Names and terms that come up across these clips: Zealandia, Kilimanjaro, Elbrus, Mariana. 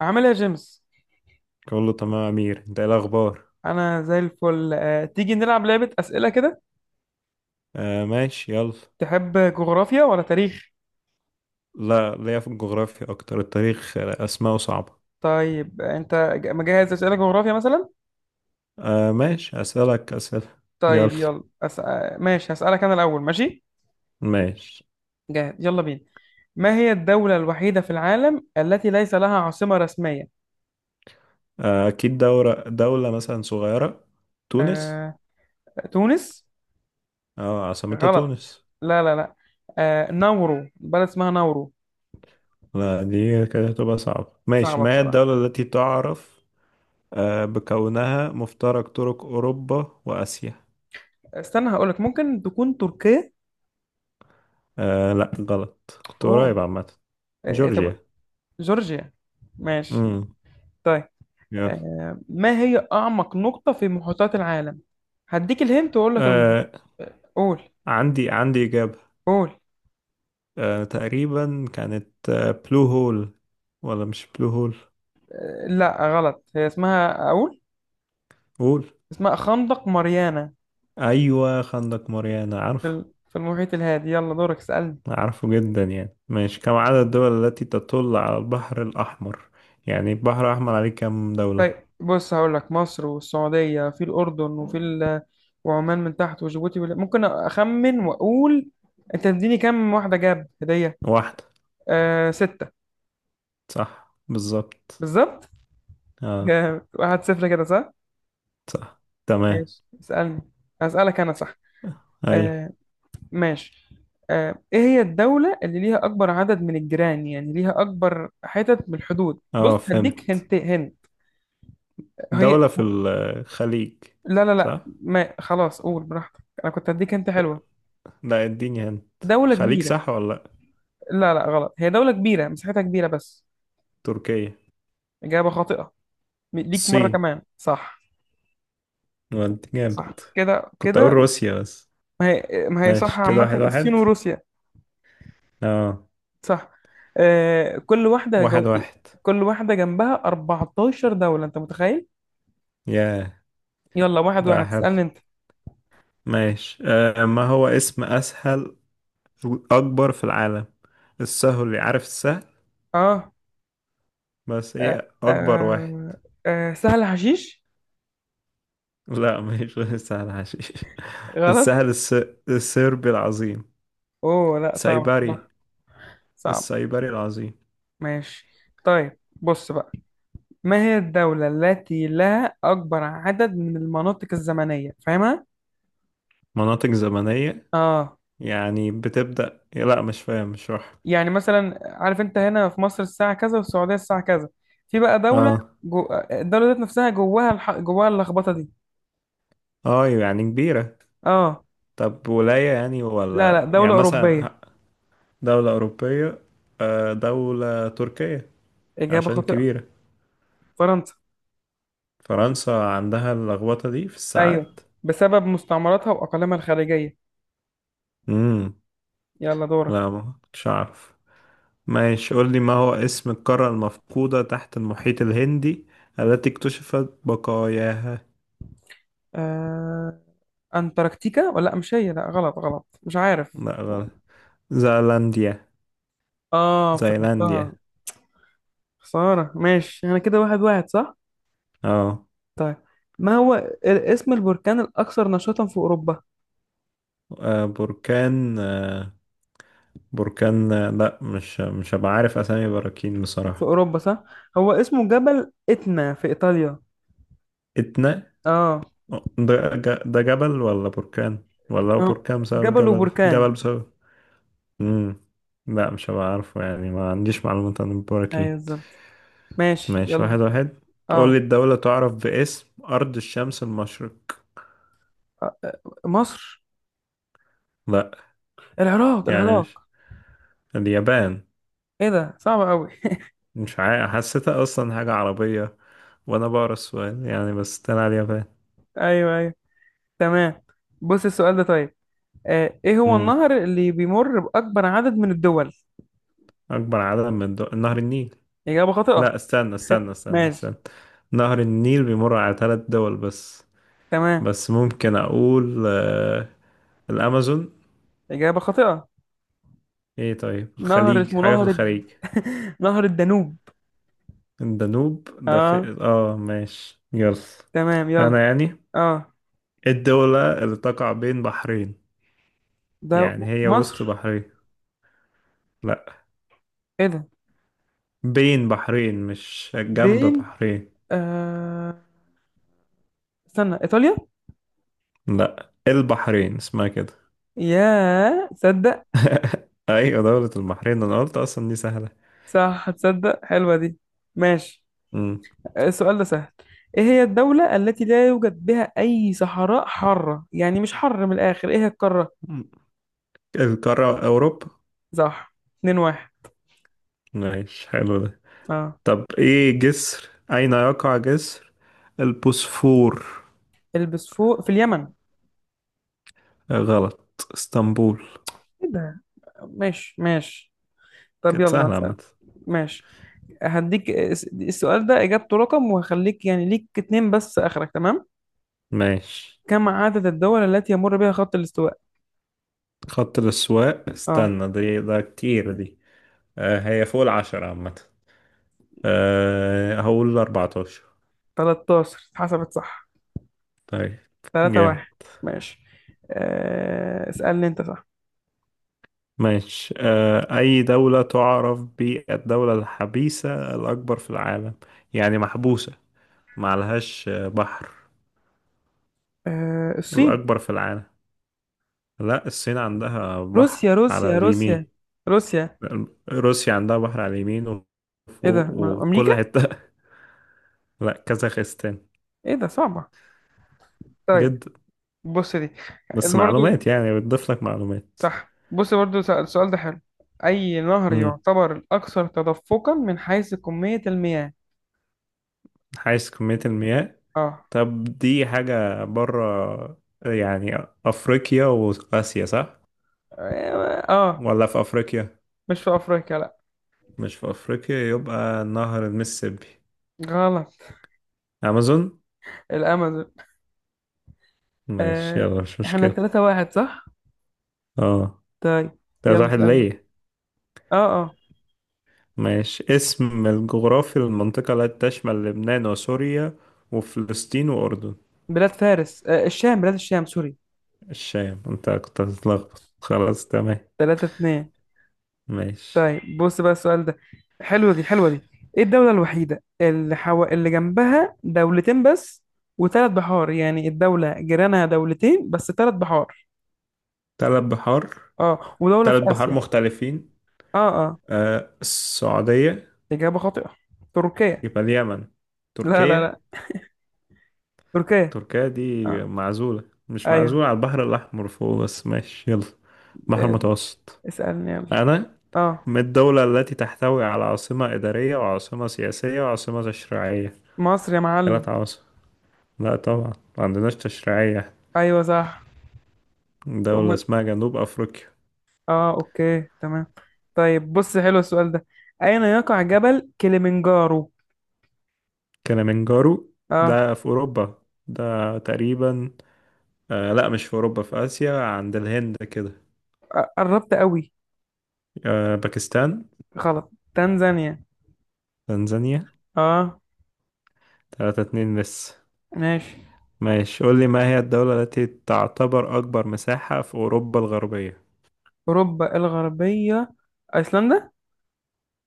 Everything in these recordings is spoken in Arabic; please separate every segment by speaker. Speaker 1: عامل ايه يا جيمس؟
Speaker 2: كله تمام يا امير، انت ايه الاخبار؟
Speaker 1: انا زي الفل، تيجي نلعب لعبة أسئلة كده.
Speaker 2: آه ماشي يلا.
Speaker 1: تحب جغرافيا ولا تاريخ؟
Speaker 2: لا، ليا في الجغرافيا اكتر، التاريخ اسماءه صعبة.
Speaker 1: طيب، انت مجهز أسئلة جغرافيا مثلا؟
Speaker 2: آه ماشي، اسالك اسئله. يلا.
Speaker 1: طيب يلا أس... آه، ماشي، هسألك انا الاول. ماشي،
Speaker 2: ماشي.
Speaker 1: جاهز؟ يلا بينا. ما هي الدولة الوحيدة في العالم التي ليس لها عاصمة رسمية؟
Speaker 2: آه اكيد، دورة دولة مثلا صغيرة. تونس.
Speaker 1: آه... تونس.
Speaker 2: اه عاصمتها
Speaker 1: غلط.
Speaker 2: تونس.
Speaker 1: لا لا لا. نورو، بلد اسمها نورو.
Speaker 2: لا دي كده هتبقى صعبة. ماشي،
Speaker 1: صعبة
Speaker 2: ما هي
Speaker 1: بصراحة.
Speaker 2: الدولة التي تعرف بكونها مفترق طرق اوروبا واسيا؟
Speaker 1: استنى هقولك، ممكن تكون تركيا.
Speaker 2: آه لا غلط، كنت
Speaker 1: اوه.
Speaker 2: قريب عامة.
Speaker 1: طب
Speaker 2: جورجيا.
Speaker 1: جورجيا. ماشي.
Speaker 2: امم.
Speaker 1: طيب،
Speaker 2: يلا.
Speaker 1: ما هي أعمق نقطة في محيطات العالم؟ هديك الهنت وأقول لك
Speaker 2: آه
Speaker 1: قول.
Speaker 2: عندي عندي إجابة.
Speaker 1: قول.
Speaker 2: آه تقريبا كانت بلو هول، ولا مش بلو هول؟
Speaker 1: لا غلط، هي اسمها أقول.
Speaker 2: هول.
Speaker 1: اسمها خندق ماريانا.
Speaker 2: أيوة خندق ماريانا، عارفه.
Speaker 1: في المحيط الهادي. يلا دورك، اسألني.
Speaker 2: عارفه جدا يعني. ماشي، كم عدد الدول التي تطل على البحر الأحمر؟ يعني البحر الأحمر عليه كم دولة؟
Speaker 1: طيب بص، هقول لك مصر والسعودية، في الأردن وفي وعمان من تحت، وجيبوتي ممكن أخمن وأقول. أنت تديني كام واحدة جاب هدية؟
Speaker 2: واحدة.
Speaker 1: آه ستة.
Speaker 2: صح بالظبط.
Speaker 1: بالظبط
Speaker 2: اه.
Speaker 1: جامد، واحد صفر كده، صح؟
Speaker 2: صح تمام.
Speaker 1: ماشي، اسألني. أسألك أنا، صح؟
Speaker 2: أي.
Speaker 1: آه. ماشي. ايه هي الدولة اللي ليها اكبر عدد من الجيران، يعني ليها اكبر حتت من الحدود؟ بص
Speaker 2: اه
Speaker 1: هديك
Speaker 2: فهمت.
Speaker 1: هنت هنت. هي.
Speaker 2: دولة في الخليج؟
Speaker 1: لا لا لا،
Speaker 2: صح.
Speaker 1: ما خلاص قول براحتك، انا كنت هديك هنت حلوة.
Speaker 2: لا اديني هنت،
Speaker 1: دولة
Speaker 2: خليج
Speaker 1: كبيرة.
Speaker 2: صح ولا لأ؟
Speaker 1: لا لا غلط، هي دولة كبيرة مساحتها كبيرة بس.
Speaker 2: تركيا.
Speaker 1: إجابة خاطئة. ليك مرة
Speaker 2: الصين.
Speaker 1: كمان، صح.
Speaker 2: ودي جامد.
Speaker 1: صح، كده
Speaker 2: كنت أقول
Speaker 1: كده.
Speaker 2: روسيا بس.
Speaker 1: ما هي صح
Speaker 2: ماشي كده
Speaker 1: عامة،
Speaker 2: واحد
Speaker 1: الصين
Speaker 2: واحد.
Speaker 1: وروسيا.
Speaker 2: اه.
Speaker 1: صح. آه كل واحدة
Speaker 2: واحد
Speaker 1: جو...
Speaker 2: واحد.
Speaker 1: كل واحدة جنبها 14 دولة، أنت متخيل؟
Speaker 2: ياه.
Speaker 1: يلا، واحد
Speaker 2: ده
Speaker 1: واحد،
Speaker 2: حلو.
Speaker 1: اسألني أنت.
Speaker 2: ماشي، ما هو اسم اسهل اكبر في العالم، السهل اللي عارف السهل،
Speaker 1: اه.
Speaker 2: بس
Speaker 1: آه،
Speaker 2: ايه اكبر واحد؟
Speaker 1: آه، سهل حشيش.
Speaker 2: لا مش غير السهل حشيش.
Speaker 1: غلط.
Speaker 2: السهل الس... السربي العظيم.
Speaker 1: اوه لا، صعب
Speaker 2: سايبري.
Speaker 1: بصراحة. صعب.
Speaker 2: السايبري العظيم.
Speaker 1: ماشي. طيب بص بقى، ما هي الدولة التي لها أكبر عدد من المناطق الزمنية، فاهمها؟
Speaker 2: مناطق زمنية.
Speaker 1: اه،
Speaker 2: يعني بتبدأ، لا مش فاهم مش راح.
Speaker 1: يعني مثلا عارف، انت هنا في مصر الساعة كذا، وفي السعودية الساعة كذا، في بقى دولة
Speaker 2: اه.
Speaker 1: الدولة ذات نفسها، جواها جواها اللخبطة دي.
Speaker 2: اه يعني كبيرة.
Speaker 1: اه.
Speaker 2: طب ولاية يعني،
Speaker 1: لا لا،
Speaker 2: ولا يعني
Speaker 1: دولة أوروبية.
Speaker 2: مثلا؟ دولة أوروبية. دولة تركية.
Speaker 1: إجابة
Speaker 2: عشان
Speaker 1: خاطئة.
Speaker 2: كبيرة.
Speaker 1: فرنسا.
Speaker 2: فرنسا عندها اللخبطة دي في
Speaker 1: أيوه،
Speaker 2: الساعات؟
Speaker 1: بسبب مستعمراتها وأقاليمها الخارجية.
Speaker 2: امم.
Speaker 1: يلا دورك.
Speaker 2: لا ما كنتش أعرف. ماشي، قول لي، ما هو اسم القارة المفقودة تحت المحيط الهندي التي اكتشفت بقاياها؟
Speaker 1: آه... أنتاركتيكا، ولا لأ، مش هي، لا غلط غلط، مش عارف.
Speaker 2: لا غلط. زيلانديا.
Speaker 1: آه، افتكرتها.
Speaker 2: زيلانديا.
Speaker 1: خسارة. ماشي، أنا كده واحد واحد، صح؟
Speaker 2: اه.
Speaker 1: طيب. ما هو ال- اسم البركان الأكثر نشاطا في أوروبا؟
Speaker 2: آه، بركان آه، بركان آه، لا مش مش هبقى عارف أسامي براكين
Speaker 1: في
Speaker 2: بصراحة.
Speaker 1: أوروبا، صح؟ هو اسمه جبل إتنا في إيطاليا.
Speaker 2: اتنا.
Speaker 1: آه.
Speaker 2: ده جبل ولا بركان؟ ولا هو
Speaker 1: آه،
Speaker 2: بركان بسبب
Speaker 1: جبل
Speaker 2: جبل، جبل
Speaker 1: وبركان.
Speaker 2: بسبب امم. لا مش هبقى عارفه، يعني ما عنديش معلومات عن
Speaker 1: أيوه
Speaker 2: البراكين.
Speaker 1: بالظبط. ماشي
Speaker 2: ماشي
Speaker 1: يلا.
Speaker 2: واحد واحد. قول لي،
Speaker 1: آه.
Speaker 2: الدولة تعرف باسم أرض الشمس المشرق.
Speaker 1: آه، مصر.
Speaker 2: لا
Speaker 1: العراق
Speaker 2: يعني
Speaker 1: العراق.
Speaker 2: مش، اليابان.
Speaker 1: إيه ده، صعب أوي.
Speaker 2: مش عارف، حسيتها أصلا حاجة عربية وأنا بقرا السؤال يعني، بس طلع اليابان.
Speaker 1: أيوه أيوه. تمام. بص السؤال ده طيب. ايه هو
Speaker 2: امم.
Speaker 1: النهر اللي بيمر بأكبر عدد من الدول؟
Speaker 2: أكبر عدد من دول، نهر النيل.
Speaker 1: إجابة خاطئة.
Speaker 2: لا استنى استنى استنى
Speaker 1: ماشي.
Speaker 2: استنى نهر النيل بيمر على ثلاث دول بس.
Speaker 1: تمام.
Speaker 2: بس ممكن اقول الامازون.
Speaker 1: إجابة خاطئة.
Speaker 2: ايه طيب
Speaker 1: نهر
Speaker 2: الخليج،
Speaker 1: اسمه
Speaker 2: حاجة في
Speaker 1: نهر
Speaker 2: الخليج.
Speaker 1: نهر الدانوب.
Speaker 2: الدانوب ده
Speaker 1: اه
Speaker 2: في اه، ماشي يلا.
Speaker 1: تمام يلا.
Speaker 2: انا يعني
Speaker 1: اه.
Speaker 2: الدولة اللي تقع بين بحرين،
Speaker 1: ده.
Speaker 2: يعني هي
Speaker 1: مصر.
Speaker 2: وسط بحرين. لا،
Speaker 1: ايه ده،
Speaker 2: بين بحرين، مش جنب
Speaker 1: بين.
Speaker 2: بحرين.
Speaker 1: آه... استنى، إيطاليا.
Speaker 2: لا البحرين اسمها كده.
Speaker 1: يا تصدق.
Speaker 2: ايوه دولة البحرين، انا قلت اصلا دي سهلة.
Speaker 1: صح تصدق، حلوة دي. ماشي.
Speaker 2: مم.
Speaker 1: السؤال ده سهل. ايه هي الدولة التي لا يوجد بها أي صحراء حارة، يعني مش حر من الآخر، ايه هي القارة؟
Speaker 2: القارة اوروبا.
Speaker 1: صح. 2 واحد.
Speaker 2: ماشي حلو ده.
Speaker 1: اه.
Speaker 2: طب ايه جسر، اين يقع جسر البوسفور؟
Speaker 1: البس فوق في اليمن.
Speaker 2: غلط، اسطنبول.
Speaker 1: ايه ده. ماشي ماشي. طب
Speaker 2: كانت
Speaker 1: يلا
Speaker 2: سهلة
Speaker 1: هسأل.
Speaker 2: عامة.
Speaker 1: ماشي، هديك السؤال ده إجابته رقم، وهخليك يعني ليك اتنين بس، آخرك تمام.
Speaker 2: ماشي.
Speaker 1: كم عدد الدول التي يمر بها خط الاستواء؟
Speaker 2: خط الأسواق،
Speaker 1: اه.
Speaker 2: استنى دي، ده كتير دي. آه هي فوق العشرة عامة. آه هقول أربعتاشر.
Speaker 1: 13 اتحسبت، صح.
Speaker 2: طيب.
Speaker 1: 3
Speaker 2: جامد.
Speaker 1: واحد. ماشي. آه، اسألني انت، صح.
Speaker 2: ماشي، آه أي دولة تعرف بالدولة الحبيسة الأكبر في العالم؟ يعني محبوسة، معلهاش بحر؟
Speaker 1: آه، الصين.
Speaker 2: الأكبر في العالم. لا الصين عندها
Speaker 1: روسيا
Speaker 2: بحر على
Speaker 1: روسيا روسيا
Speaker 2: اليمين.
Speaker 1: روسيا.
Speaker 2: روسيا عندها بحر على اليمين
Speaker 1: ايه ده،
Speaker 2: وفوق وكل
Speaker 1: أمريكا؟
Speaker 2: حتة. لا، كازاخستان.
Speaker 1: ايه ده صعبة. طيب
Speaker 2: جد.
Speaker 1: بص دي.
Speaker 2: بس
Speaker 1: برضه.
Speaker 2: معلومات، يعني بتضيف لك معلومات.
Speaker 1: صح، بص برضو، السؤال ده حلو. أي نهر
Speaker 2: امم.
Speaker 1: يعتبر الأكثر تدفقا من حيث كمية المياه؟
Speaker 2: حيث كمية المياه.
Speaker 1: آه.
Speaker 2: طب دي حاجة بره يعني، أفريقيا وآسيا صح؟
Speaker 1: آه. آه.
Speaker 2: ولا في أفريقيا؟
Speaker 1: مش في أفريقيا لأ.
Speaker 2: مش في أفريقيا، يبقى نهر المississippi.
Speaker 1: غلط.
Speaker 2: أمازون؟
Speaker 1: الأمازون.
Speaker 2: ماشي
Speaker 1: آه.
Speaker 2: يلا، مش
Speaker 1: إحنا
Speaker 2: مشكلة.
Speaker 1: تلاتة واحد، صح؟
Speaker 2: اه.
Speaker 1: طيب.
Speaker 2: تلاتة
Speaker 1: يلا
Speaker 2: واحد
Speaker 1: اسألني.
Speaker 2: ليا.
Speaker 1: آه. آه
Speaker 2: ماشي، اسم الجغرافي للمنطقة التي تشمل لبنان وسوريا وفلسطين وأردن.
Speaker 1: بلاد فارس، آه الشام، بلاد الشام سوري.
Speaker 2: الشام، انت كنت هتتلخبط، خلاص تمام.
Speaker 1: تلاتة اتنين.
Speaker 2: ماشي.
Speaker 1: طيب بص بقى السؤال ده، حلوة دي حلوة دي. إيه الدولة الوحيدة اللي جنبها دولتين بس، وثلاث بحار، يعني الدولة جيرانها دولتين بس ثلاث بحار.
Speaker 2: تلات بحار.
Speaker 1: اه، ودولة في
Speaker 2: تلات بحار
Speaker 1: آسيا.
Speaker 2: مختلفين.
Speaker 1: اه اه.
Speaker 2: آه السعودية.
Speaker 1: إجابة خاطئة. تركيا.
Speaker 2: يبقى اليمن.
Speaker 1: لا لا لا.
Speaker 2: تركيا.
Speaker 1: تركيا.
Speaker 2: تركيا دي
Speaker 1: اه.
Speaker 2: معزولة. مش
Speaker 1: ايوه.
Speaker 2: معزولة، على البحر الأحمر فوق بس، ماشي يلا. بحر
Speaker 1: آه،
Speaker 2: متوسط.
Speaker 1: اسألني يلا.
Speaker 2: أنا.
Speaker 1: اه.
Speaker 2: من الدولة التي تحتوي على عاصمة إدارية وعاصمة سياسية وعاصمة تشريعية؟
Speaker 1: مصر يا معلم.
Speaker 2: ثلاث عواصم. لا طبعا ما عندناش تشريعية.
Speaker 1: ايوه صح.
Speaker 2: دولة
Speaker 1: امال.
Speaker 2: اسمها جنوب أفريقيا.
Speaker 1: اه اوكي تمام. طيب بص حلو السؤال ده. اين يقع جبل كليمنجارو؟
Speaker 2: كليمنجارو.
Speaker 1: اه.
Speaker 2: ده في أوروبا، ده تقريبا. آه لا مش في أوروبا، في آسيا عند الهند كده.
Speaker 1: قربت قوي.
Speaker 2: آه باكستان.
Speaker 1: غلط، تنزانيا.
Speaker 2: تنزانيا.
Speaker 1: اه.
Speaker 2: تلاتة اتنين لسه.
Speaker 1: ماشي.
Speaker 2: ماشي، قول لي، ما هي الدولة التي تعتبر أكبر مساحة في أوروبا الغربية؟
Speaker 1: اوروبا الغربية. ايسلندا.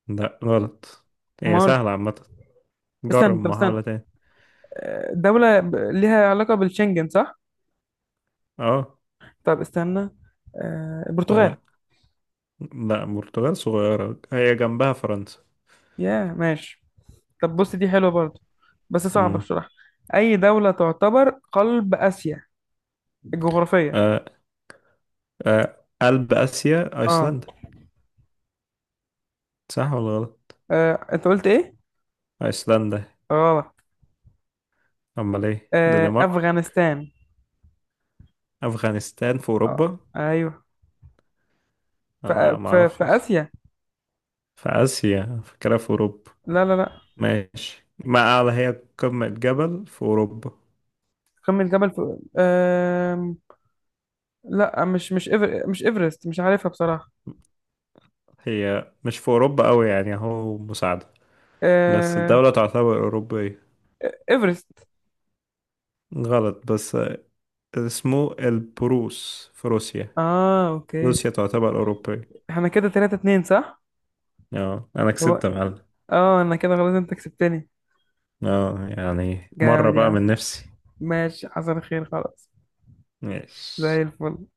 Speaker 2: لا غلط. هي
Speaker 1: مال.
Speaker 2: سهلة عامة. جرب
Speaker 1: استنى، طب استنى.
Speaker 2: محاولة تاني.
Speaker 1: دولة ليها علاقة بالشنجن، صح.
Speaker 2: اه.
Speaker 1: طب استنى. البرتغال.
Speaker 2: آه. لا البرتغال صغيرة، هي جنبها فرنسا.
Speaker 1: يا ماشي. طب بص دي حلوة برضو، بس صعبة
Speaker 2: مم.
Speaker 1: بصراحة. أي دولة تعتبر قلب آسيا الجغرافية؟
Speaker 2: آه، قلب آسيا،
Speaker 1: اه.
Speaker 2: أيسلندا. صح ولا غلط؟
Speaker 1: أنت قلت إيه؟
Speaker 2: أيسلندا.
Speaker 1: غلط.
Speaker 2: أمال إيه؟ دنمارك.
Speaker 1: أفغانستان.
Speaker 2: أفغانستان في
Speaker 1: اه
Speaker 2: أوروبا.
Speaker 1: أيوه. في
Speaker 2: أنا ما
Speaker 1: في في
Speaker 2: أعرفش أصلا.
Speaker 1: آسيا.
Speaker 2: في آسيا، فاكرها في أوروبا.
Speaker 1: لا لا لا.
Speaker 2: ماشي، ما أعلى هي قمة جبل في أوروبا.
Speaker 1: قمة جبل في. لا، مش مش إيفرست، مش عارفها بصراحة.
Speaker 2: هي مش في أوروبا أوي يعني، أهو مساعدة. بس
Speaker 1: آه.
Speaker 2: الدولة تعتبر أوروبية.
Speaker 1: إيفرست.
Speaker 2: غلط، بس اسمه البروس في روسيا.
Speaker 1: اه اوكي.
Speaker 2: روسيا تعتبر أوروبية.
Speaker 1: احنا كده 3 2، صح؟
Speaker 2: اه أنا كسبت
Speaker 1: هو.
Speaker 2: يا معلم.
Speaker 1: اه انا كده خلاص، انت كسبتني.
Speaker 2: اه يعني مرة
Speaker 1: جامد يا
Speaker 2: بقى
Speaker 1: عم.
Speaker 2: من نفسي.
Speaker 1: ماشي، حصل خير خلاص. زي
Speaker 2: ماشي.
Speaker 1: الفل.